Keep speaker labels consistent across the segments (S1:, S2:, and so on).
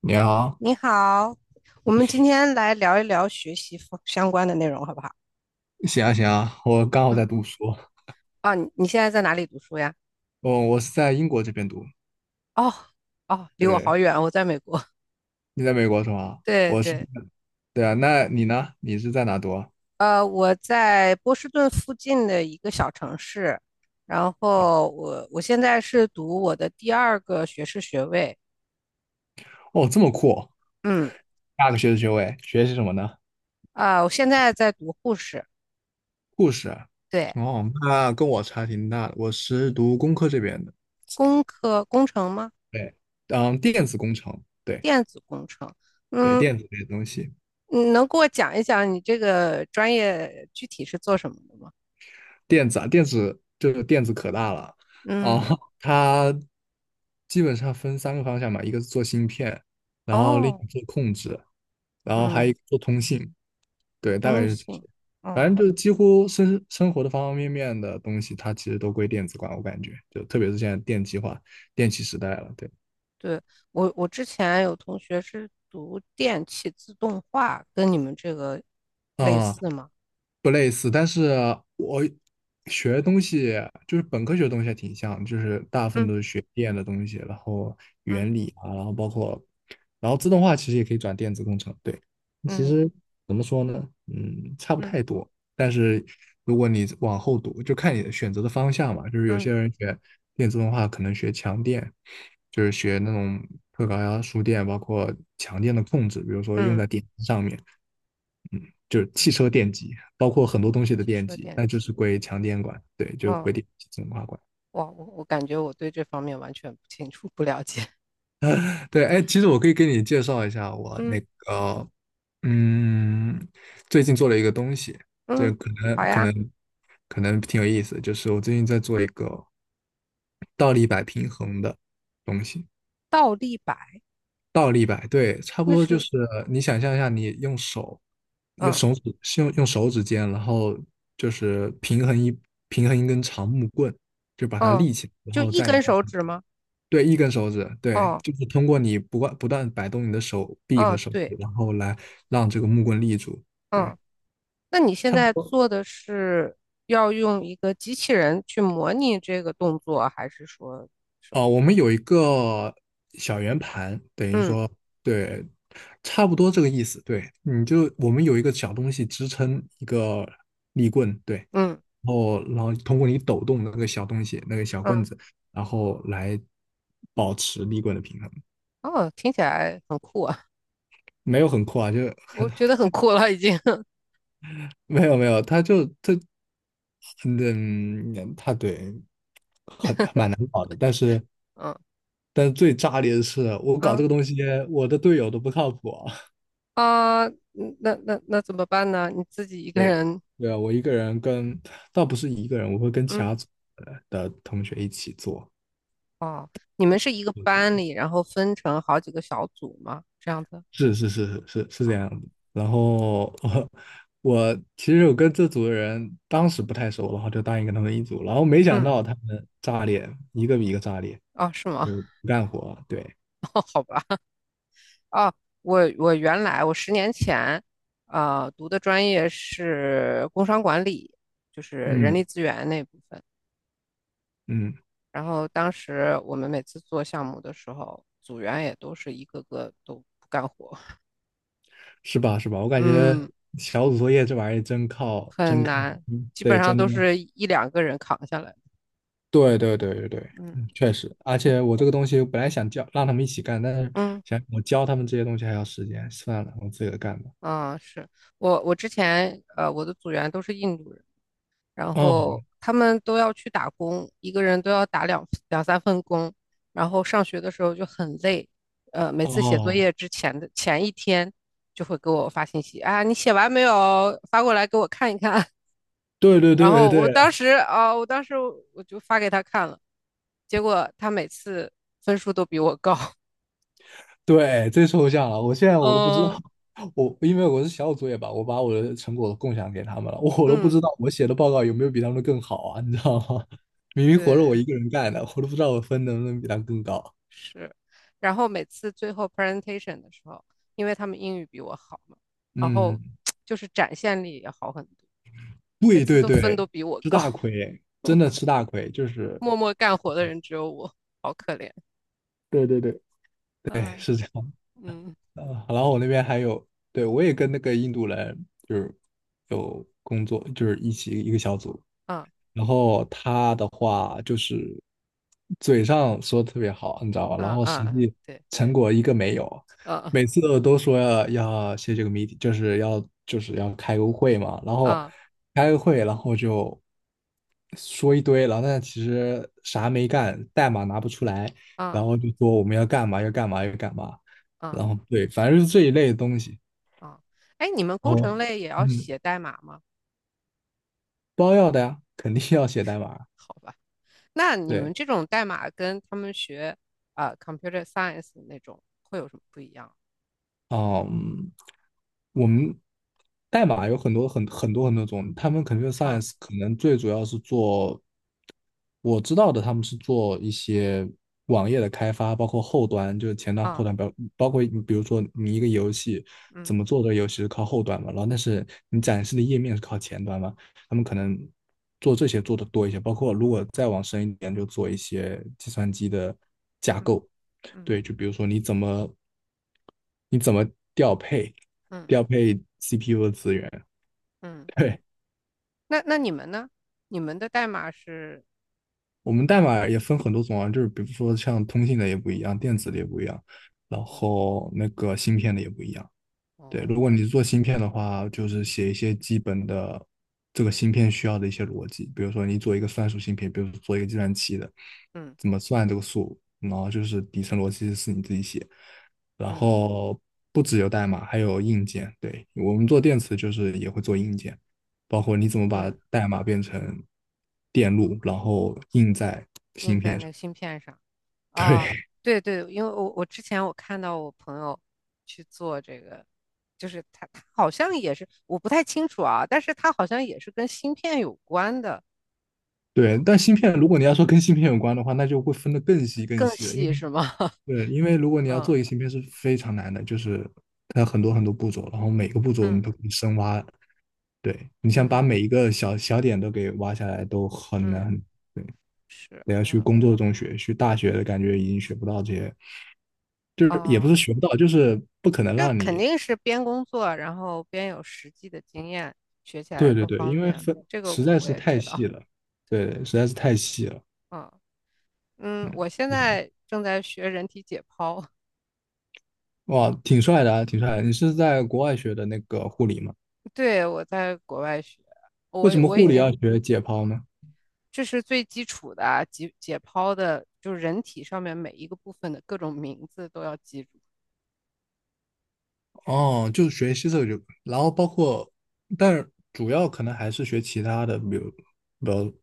S1: 你好，
S2: 你好，我们今天来聊一聊学习方相关的内容，好不好？
S1: 行啊行啊，我刚好
S2: 嗯，
S1: 在读书。
S2: 啊，你现在在哪里读书呀？
S1: 哦，我是在英国这边读。
S2: 哦，哦，离我好
S1: 对，
S2: 远，我在美国。
S1: 你在美国是吗？
S2: 对
S1: 我是，
S2: 对，
S1: 对啊，那你呢？你是在哪读啊？
S2: 我在波士顿附近的一个小城市，然
S1: 哦，
S2: 后我现在是读我的第二个学士学位，
S1: 哦这么酷哦，
S2: 嗯，
S1: 大个学士学位，学习什么呢？
S2: 啊，我现在在读护士，
S1: 护士。
S2: 对，
S1: 哦，那跟我差挺大的，我是读工科这边的。
S2: 工科工程吗？
S1: 对，电子工程。对
S2: 电子工程，
S1: 对，
S2: 嗯，
S1: 电子这些东西。
S2: 你能给我讲一讲你这个专业具体是做什么的吗？
S1: 电子啊，电子就是电子可大了啊，
S2: 嗯，
S1: 它基本上分三个方向嘛，一个是做芯片，然后另
S2: 哦，
S1: 一个做控制，然后还
S2: 嗯，
S1: 有一个做通信，对，大概
S2: 通
S1: 就是这
S2: 信，
S1: 些。反正
S2: 嗯，
S1: 就是几乎生活的方方面面的东西，它其实都归电子管，我感觉，就特别是现在电气化、电气时代了，对。
S2: 对，我之前有同学是读电气自动化，跟你们这个类
S1: 啊，
S2: 似吗？
S1: 不类似，但是我学的东西就是本科学的东西还挺像，就是大部分都是
S2: 嗯
S1: 学电的东西，然后
S2: 嗯
S1: 原理啊，然后包括，然后自动化其实也可以转电子工程。对，其
S2: 嗯
S1: 实怎么说呢，差不
S2: 嗯
S1: 太多，但是如果你往后读，就看你选择的方向嘛，就是有
S2: 嗯
S1: 些人学电自动化可能学强电，就是学那种特高压输电，包括强电的控制，比如说用
S2: 嗯
S1: 在电机上面。嗯，就是汽
S2: 嗯，
S1: 车电机，包括很多东西的
S2: 汽
S1: 电
S2: 车
S1: 机，
S2: 电
S1: 那就
S2: 机，
S1: 是归强电管，对，就归
S2: 嗯，
S1: 电气净化管。
S2: 哇，我感觉我对这方面完全不清楚，不了解。
S1: 对，哎，其实我可以给你介绍一下 我
S2: 嗯
S1: 那个，嗯，最近做了一个东西，这
S2: 嗯，
S1: 可
S2: 好
S1: 能可
S2: 呀，
S1: 能可能挺有意思，就是我最近在做一个倒立摆平衡的东西。
S2: 倒立摆，
S1: 倒立摆，对，差不
S2: 那
S1: 多就
S2: 是，
S1: 是你想象一下，你用手，用
S2: 嗯
S1: 手指，是用手指尖，然后就是平衡一根长木棍，就把它
S2: 嗯，
S1: 立起来，然
S2: 就
S1: 后
S2: 一
S1: 在你
S2: 根
S1: 手
S2: 手
S1: 上。
S2: 指吗？
S1: 对，一根手指，对，
S2: 哦
S1: 就是通过你不断不断摆动你的手臂和
S2: 哦，
S1: 手
S2: 对，
S1: 指，然后来让这个木棍立住，对，
S2: 嗯。那你现
S1: 差不
S2: 在
S1: 多。
S2: 做的是要用一个机器人去模拟这个动作，还是说什么？
S1: 哦，我们有一个小圆盘，等于
S2: 嗯
S1: 说，对，差不多这个意思。对，你就我们有一个小东西支撑一个立棍，对，
S2: 嗯
S1: 然后通过你抖动的那个小东西，那个小
S2: 嗯，
S1: 棍子，然后来保持立棍的平衡。
S2: 哦，听起来很酷啊，
S1: 没有很酷啊，就
S2: 我
S1: 很
S2: 觉得很酷了已经。
S1: 没有没有，它对，好的。但是
S2: 嗯
S1: 最炸裂的是，我搞这
S2: 嗯
S1: 个东西，我的队友都不靠谱。
S2: 啊，嗯那怎么办呢？你自己一个人？
S1: 对啊，我一个人跟，倒不是一个人，我会跟其
S2: 嗯
S1: 他组的同学一起做。
S2: 哦，你们是一个
S1: 我觉得
S2: 班里，然后分成好几个小组吗？这样子？
S1: 是是是是是是这样子。然后我其实我跟这组的人当时不太熟，然后就答应跟他们一组，然后没想
S2: 嗯
S1: 到他们炸裂，一个比一个炸裂，
S2: 哦，是吗？
S1: 就是不干活。对，
S2: 好吧。哦，我原来我十年前，读的专业是工商管理，就是人力
S1: 嗯
S2: 资源那部分。
S1: 嗯，
S2: 然后当时我们每次做项目的时候，组员也都是一个个都不干活，
S1: 是吧是吧？我感觉
S2: 嗯，
S1: 小组作业这玩意儿真靠真
S2: 很
S1: 看，
S2: 难，
S1: 嗯
S2: 基本
S1: 对，
S2: 上
S1: 真
S2: 都
S1: 的。
S2: 是一两个人扛下来。
S1: 对对对对对，
S2: 嗯
S1: 确实，而且我这个东西本来想教让他们一起干，但是
S2: 嗯
S1: 想我教他们这些东西还要时间，算了，我自己干吧。
S2: 嗯，是我之前我的组员都是印度人，然
S1: 哦
S2: 后他们都要去打工，一个人都要打两三份工，然后上学的时候就很累，每次写作业
S1: 哦，
S2: 之前的前一天就会给我发信息啊，你写完没有？发过来给我看一看。
S1: 对 对
S2: 然
S1: 对对
S2: 后我
S1: 对
S2: 当时啊，我当时我就发给他看了，结果他每次分数都比我高。
S1: 对，最抽象了，我现在我都不知道。
S2: 嗯
S1: 我因为我是小组作业吧，我把我的成果共享给他们了，我都不
S2: 嗯，
S1: 知道我写的报告有没有比他们更好啊，你知道吗？明明活着我
S2: 对。
S1: 一个人干的，我都不知道我分能不能比他们更高。
S2: 是，然后每次最后 presentation 的时候，因为他们英语比我好嘛，然后
S1: 嗯，
S2: 就是展现力也好很多，每
S1: 对
S2: 次
S1: 对
S2: 都分
S1: 对，
S2: 都比我
S1: 吃
S2: 高，
S1: 大 亏，真的吃大亏，就是。
S2: 默默干活的人只有我，好可怜。
S1: 对对对。对，
S2: 啊，
S1: 是这样。
S2: 嗯，
S1: 呃，然后我那边还有，对，我也跟那个印度人就是有工作，就是一起一个小组，
S2: 啊
S1: 然后他的话就是嘴上说得特别好，你知道吧？然
S2: 啊
S1: 后实
S2: 啊，
S1: 际
S2: 对，
S1: 成果一个没有，
S2: 啊
S1: 每次都说要写这个谜 e， 就是要开个会嘛，然后
S2: 啊
S1: 开个会，然后就说一堆，然后但其实啥没干，代码拿不出来，然
S2: 啊
S1: 后就说我们要干嘛要干嘛要干嘛，
S2: 啊
S1: 然后对，反正是这一类的东西。
S2: 啊，哎，你们
S1: 然
S2: 工
S1: 后
S2: 程类也要
S1: 嗯，
S2: 写代码吗？
S1: 包要的呀，肯定要写代码，
S2: 好吧，那你
S1: 对。
S2: 们这种代码跟他们学computer science 那种会有什么不一样？
S1: 嗯，我们代码有很多很多种，他们 c o m
S2: 啊
S1: science 可能最主要是做我知道的，他们是做一些网页的开发，包括后端，就是前端、后
S2: 啊，
S1: 端，包括你比如说你一个游戏怎
S2: 嗯
S1: 么做的游戏是靠后端嘛，然后但是你展示的页面是靠前端嘛，他们可能做这些做的多一些，包括如果再往深一点，就做一些计算机的架
S2: 嗯嗯。
S1: 构。
S2: 嗯
S1: 对，就比如说你怎么调配
S2: 嗯
S1: 调配 CPU 的资源，
S2: 嗯，
S1: 对。
S2: 那你们呢？你们的代码是
S1: 我们代码也分很多种啊，就是比如说像通信的也不一样，电子的也不一样，然
S2: 哦
S1: 后那个芯片的也不一样。对，
S2: 哦，
S1: 如果你是做芯片的话，就是写一些基本的这个芯片需要的一些逻辑，比如说你做一个算术芯片，比如说做一个计算器的，
S2: 嗯
S1: 怎么算这个数，然后就是底层逻辑是你自己写，然
S2: 嗯
S1: 后不只有代码，还有硬件。对，我们做电池就是也会做硬件，包括你怎么把
S2: 嗯，
S1: 代码变成电路，然后印在。
S2: 印在那个芯片上哦，
S1: 对
S2: 对对，因为我之前我看到我朋友去做这个，就是他好像也是，我不太清楚啊，但是他好像也是跟芯片有关的，
S1: 对，但芯片如果你要说跟芯片有关的话，那就会分得更细更
S2: 更
S1: 细了，因
S2: 细
S1: 为
S2: 是吗？
S1: 对，因为如果你要做一
S2: 嗯
S1: 个芯片是非常难的，就是它很多很多步骤，然后每个步骤你
S2: 嗯
S1: 都可以深挖。对，你想把
S2: 嗯
S1: 每一个小小点都给挖下来都很难
S2: 嗯，
S1: 很对，
S2: 是，
S1: 得要去
S2: 嗯
S1: 工作中学，去大学的感觉已经学不到这些，就是也不
S2: 哦。
S1: 是学不到，就是不可能
S2: 这
S1: 让
S2: 肯
S1: 你。
S2: 定是边工作，然后边有实际的经验，学起来
S1: 对对
S2: 更
S1: 对，
S2: 方
S1: 因为
S2: 便。
S1: 分
S2: 这个
S1: 实
S2: 我
S1: 在
S2: 我
S1: 是
S2: 也
S1: 太
S2: 知
S1: 细
S2: 道，
S1: 了，
S2: 对，
S1: 对对，实在是太细了。
S2: 嗯嗯，我现
S1: 对啊，
S2: 在正在学人体解剖，
S1: 哇，挺帅的啊，挺帅的。你是在国外学的那个护理吗？
S2: 对，我在国外学，
S1: 为
S2: 我
S1: 什么
S2: 我已
S1: 护理
S2: 经
S1: 要学解剖呢？
S2: 这是最基础的啊，解剖的，就是人体上面每一个部分的各种名字都要记住。
S1: 哦，就学习这个就，然后包括，但是主要可能还是学其他的，比如，比如，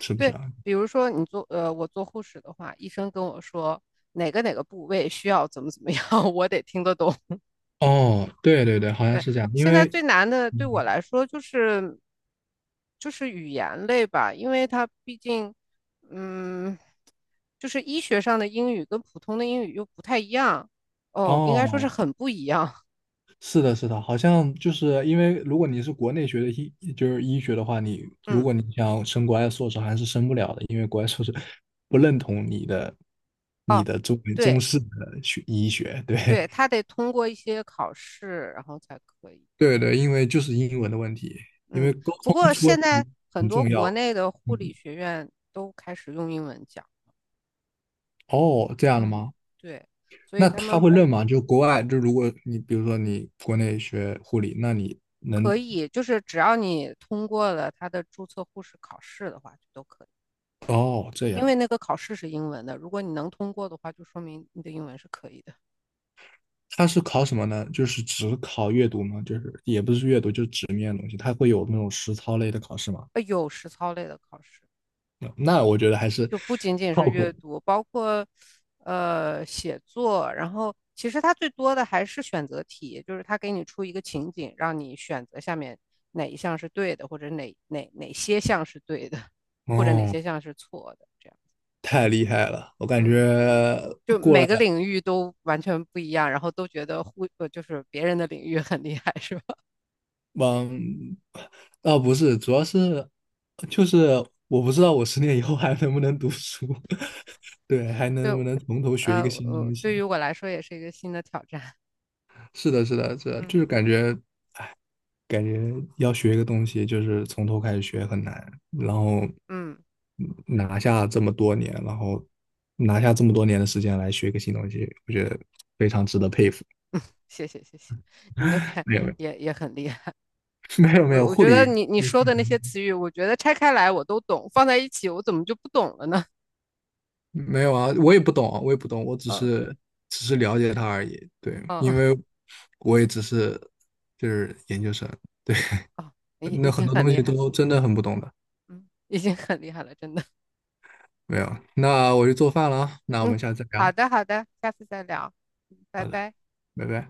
S1: 是不是
S2: 对，
S1: 啊？
S2: 比如说你做呃，我做护士的话，医生跟我说哪个哪个部位需要怎么怎么样，我得听得懂。
S1: 哦，对对对，好像
S2: 对，
S1: 是这样，因
S2: 现在
S1: 为，
S2: 最难的对我
S1: 嗯，
S2: 来说就是语言类吧，因为它毕竟，嗯，就是医学上的英语跟普通的英语又不太一样，哦，应该说是
S1: 哦，
S2: 很不一样，
S1: 是的，是的，好像就是因为如果你是国内学的医，就是医学的话，你 如
S2: 嗯，
S1: 果你想升国外硕士，还是升不了的，因为国外硕士不认同你的你
S2: 哦，
S1: 的中中
S2: 对
S1: 式的学医学，对。
S2: 对，他得通过一些考试，然后才可以，
S1: 对对，因为就是英文的问题，因为
S2: 嗯，
S1: 沟
S2: 不
S1: 通
S2: 过
S1: 出问
S2: 现在
S1: 题
S2: 很
S1: 很
S2: 多
S1: 重要。
S2: 国内的护理
S1: 嗯，
S2: 学院都开始用英文讲，
S1: 哦，这样的
S2: 嗯，
S1: 吗？
S2: 对，所以
S1: 那
S2: 他
S1: 他
S2: 们
S1: 会认吗？就国外，就如果你比如说你国内学护理，那你
S2: 可
S1: 能。
S2: 以，就是只要你通过了他的注册护士考试的话，就都可以。
S1: 哦，这
S2: 因
S1: 样，
S2: 为那个考试是英文的，如果你能通过的话，就说明你的英文是可以的。
S1: 他是考什么呢？就是只考阅读吗？就是也不是阅读，就是纸面的东西，他会有那种实操类的考试吗？
S2: 有实操类的考试，
S1: 嗯那我觉得还是
S2: 就不仅仅
S1: 靠
S2: 是阅
S1: 谱。
S2: 读，包括写作，然后其实它最多的还是选择题，就是它给你出一个情景，让你选择下面哪一项是对的，或者哪些项是对的，或者哪
S1: 哦，
S2: 些项是错的，这样。
S1: 太厉害了，我感觉
S2: 嗯。就
S1: 过
S2: 每
S1: 了，
S2: 个领域都完全不一样，然后都觉得就是别人的领域很厉害，是吧？
S1: 嗯，啊不是，主要是就是我不知道我10年以后还能不能读书，对，还能不
S2: 就，
S1: 能从头学一个新东西。
S2: 对于我来说也是一个新的挑战。
S1: 是的，是的，是 的，就
S2: 嗯
S1: 是感觉要学一个东西，就是从头开始学很难，然后
S2: 嗯，
S1: 嗯拿下这么多年，然后拿下这么多年的时间来学一个新东西，我觉得非常值得佩服。
S2: 谢谢谢谢，你那边
S1: 没有，
S2: 也很厉害。
S1: 没有，没有，没
S2: 我
S1: 有
S2: 我
S1: 护
S2: 觉得
S1: 理，
S2: 你说的那
S1: 嗯，
S2: 些词语，我觉得拆开来我都懂，放在一起我怎么就不懂了呢？
S1: 没有啊，我也不懂啊，我也不 懂，我只
S2: 哦
S1: 是只是了解它而已。对，
S2: 哦
S1: 因
S2: 哦
S1: 为我也只是就是研究生，
S2: 哦，已
S1: 那
S2: 已
S1: 很
S2: 经
S1: 多
S2: 很
S1: 东
S2: 厉
S1: 西
S2: 害了
S1: 都真的很不懂的。
S2: 嗯，已经很厉害了，真的。
S1: 没有，那我去做饭了啊，那我
S2: 嗯，
S1: 们下次再
S2: 好
S1: 聊。
S2: 的好的，下次再聊，嗯拜
S1: 好的，
S2: 拜。
S1: 拜拜。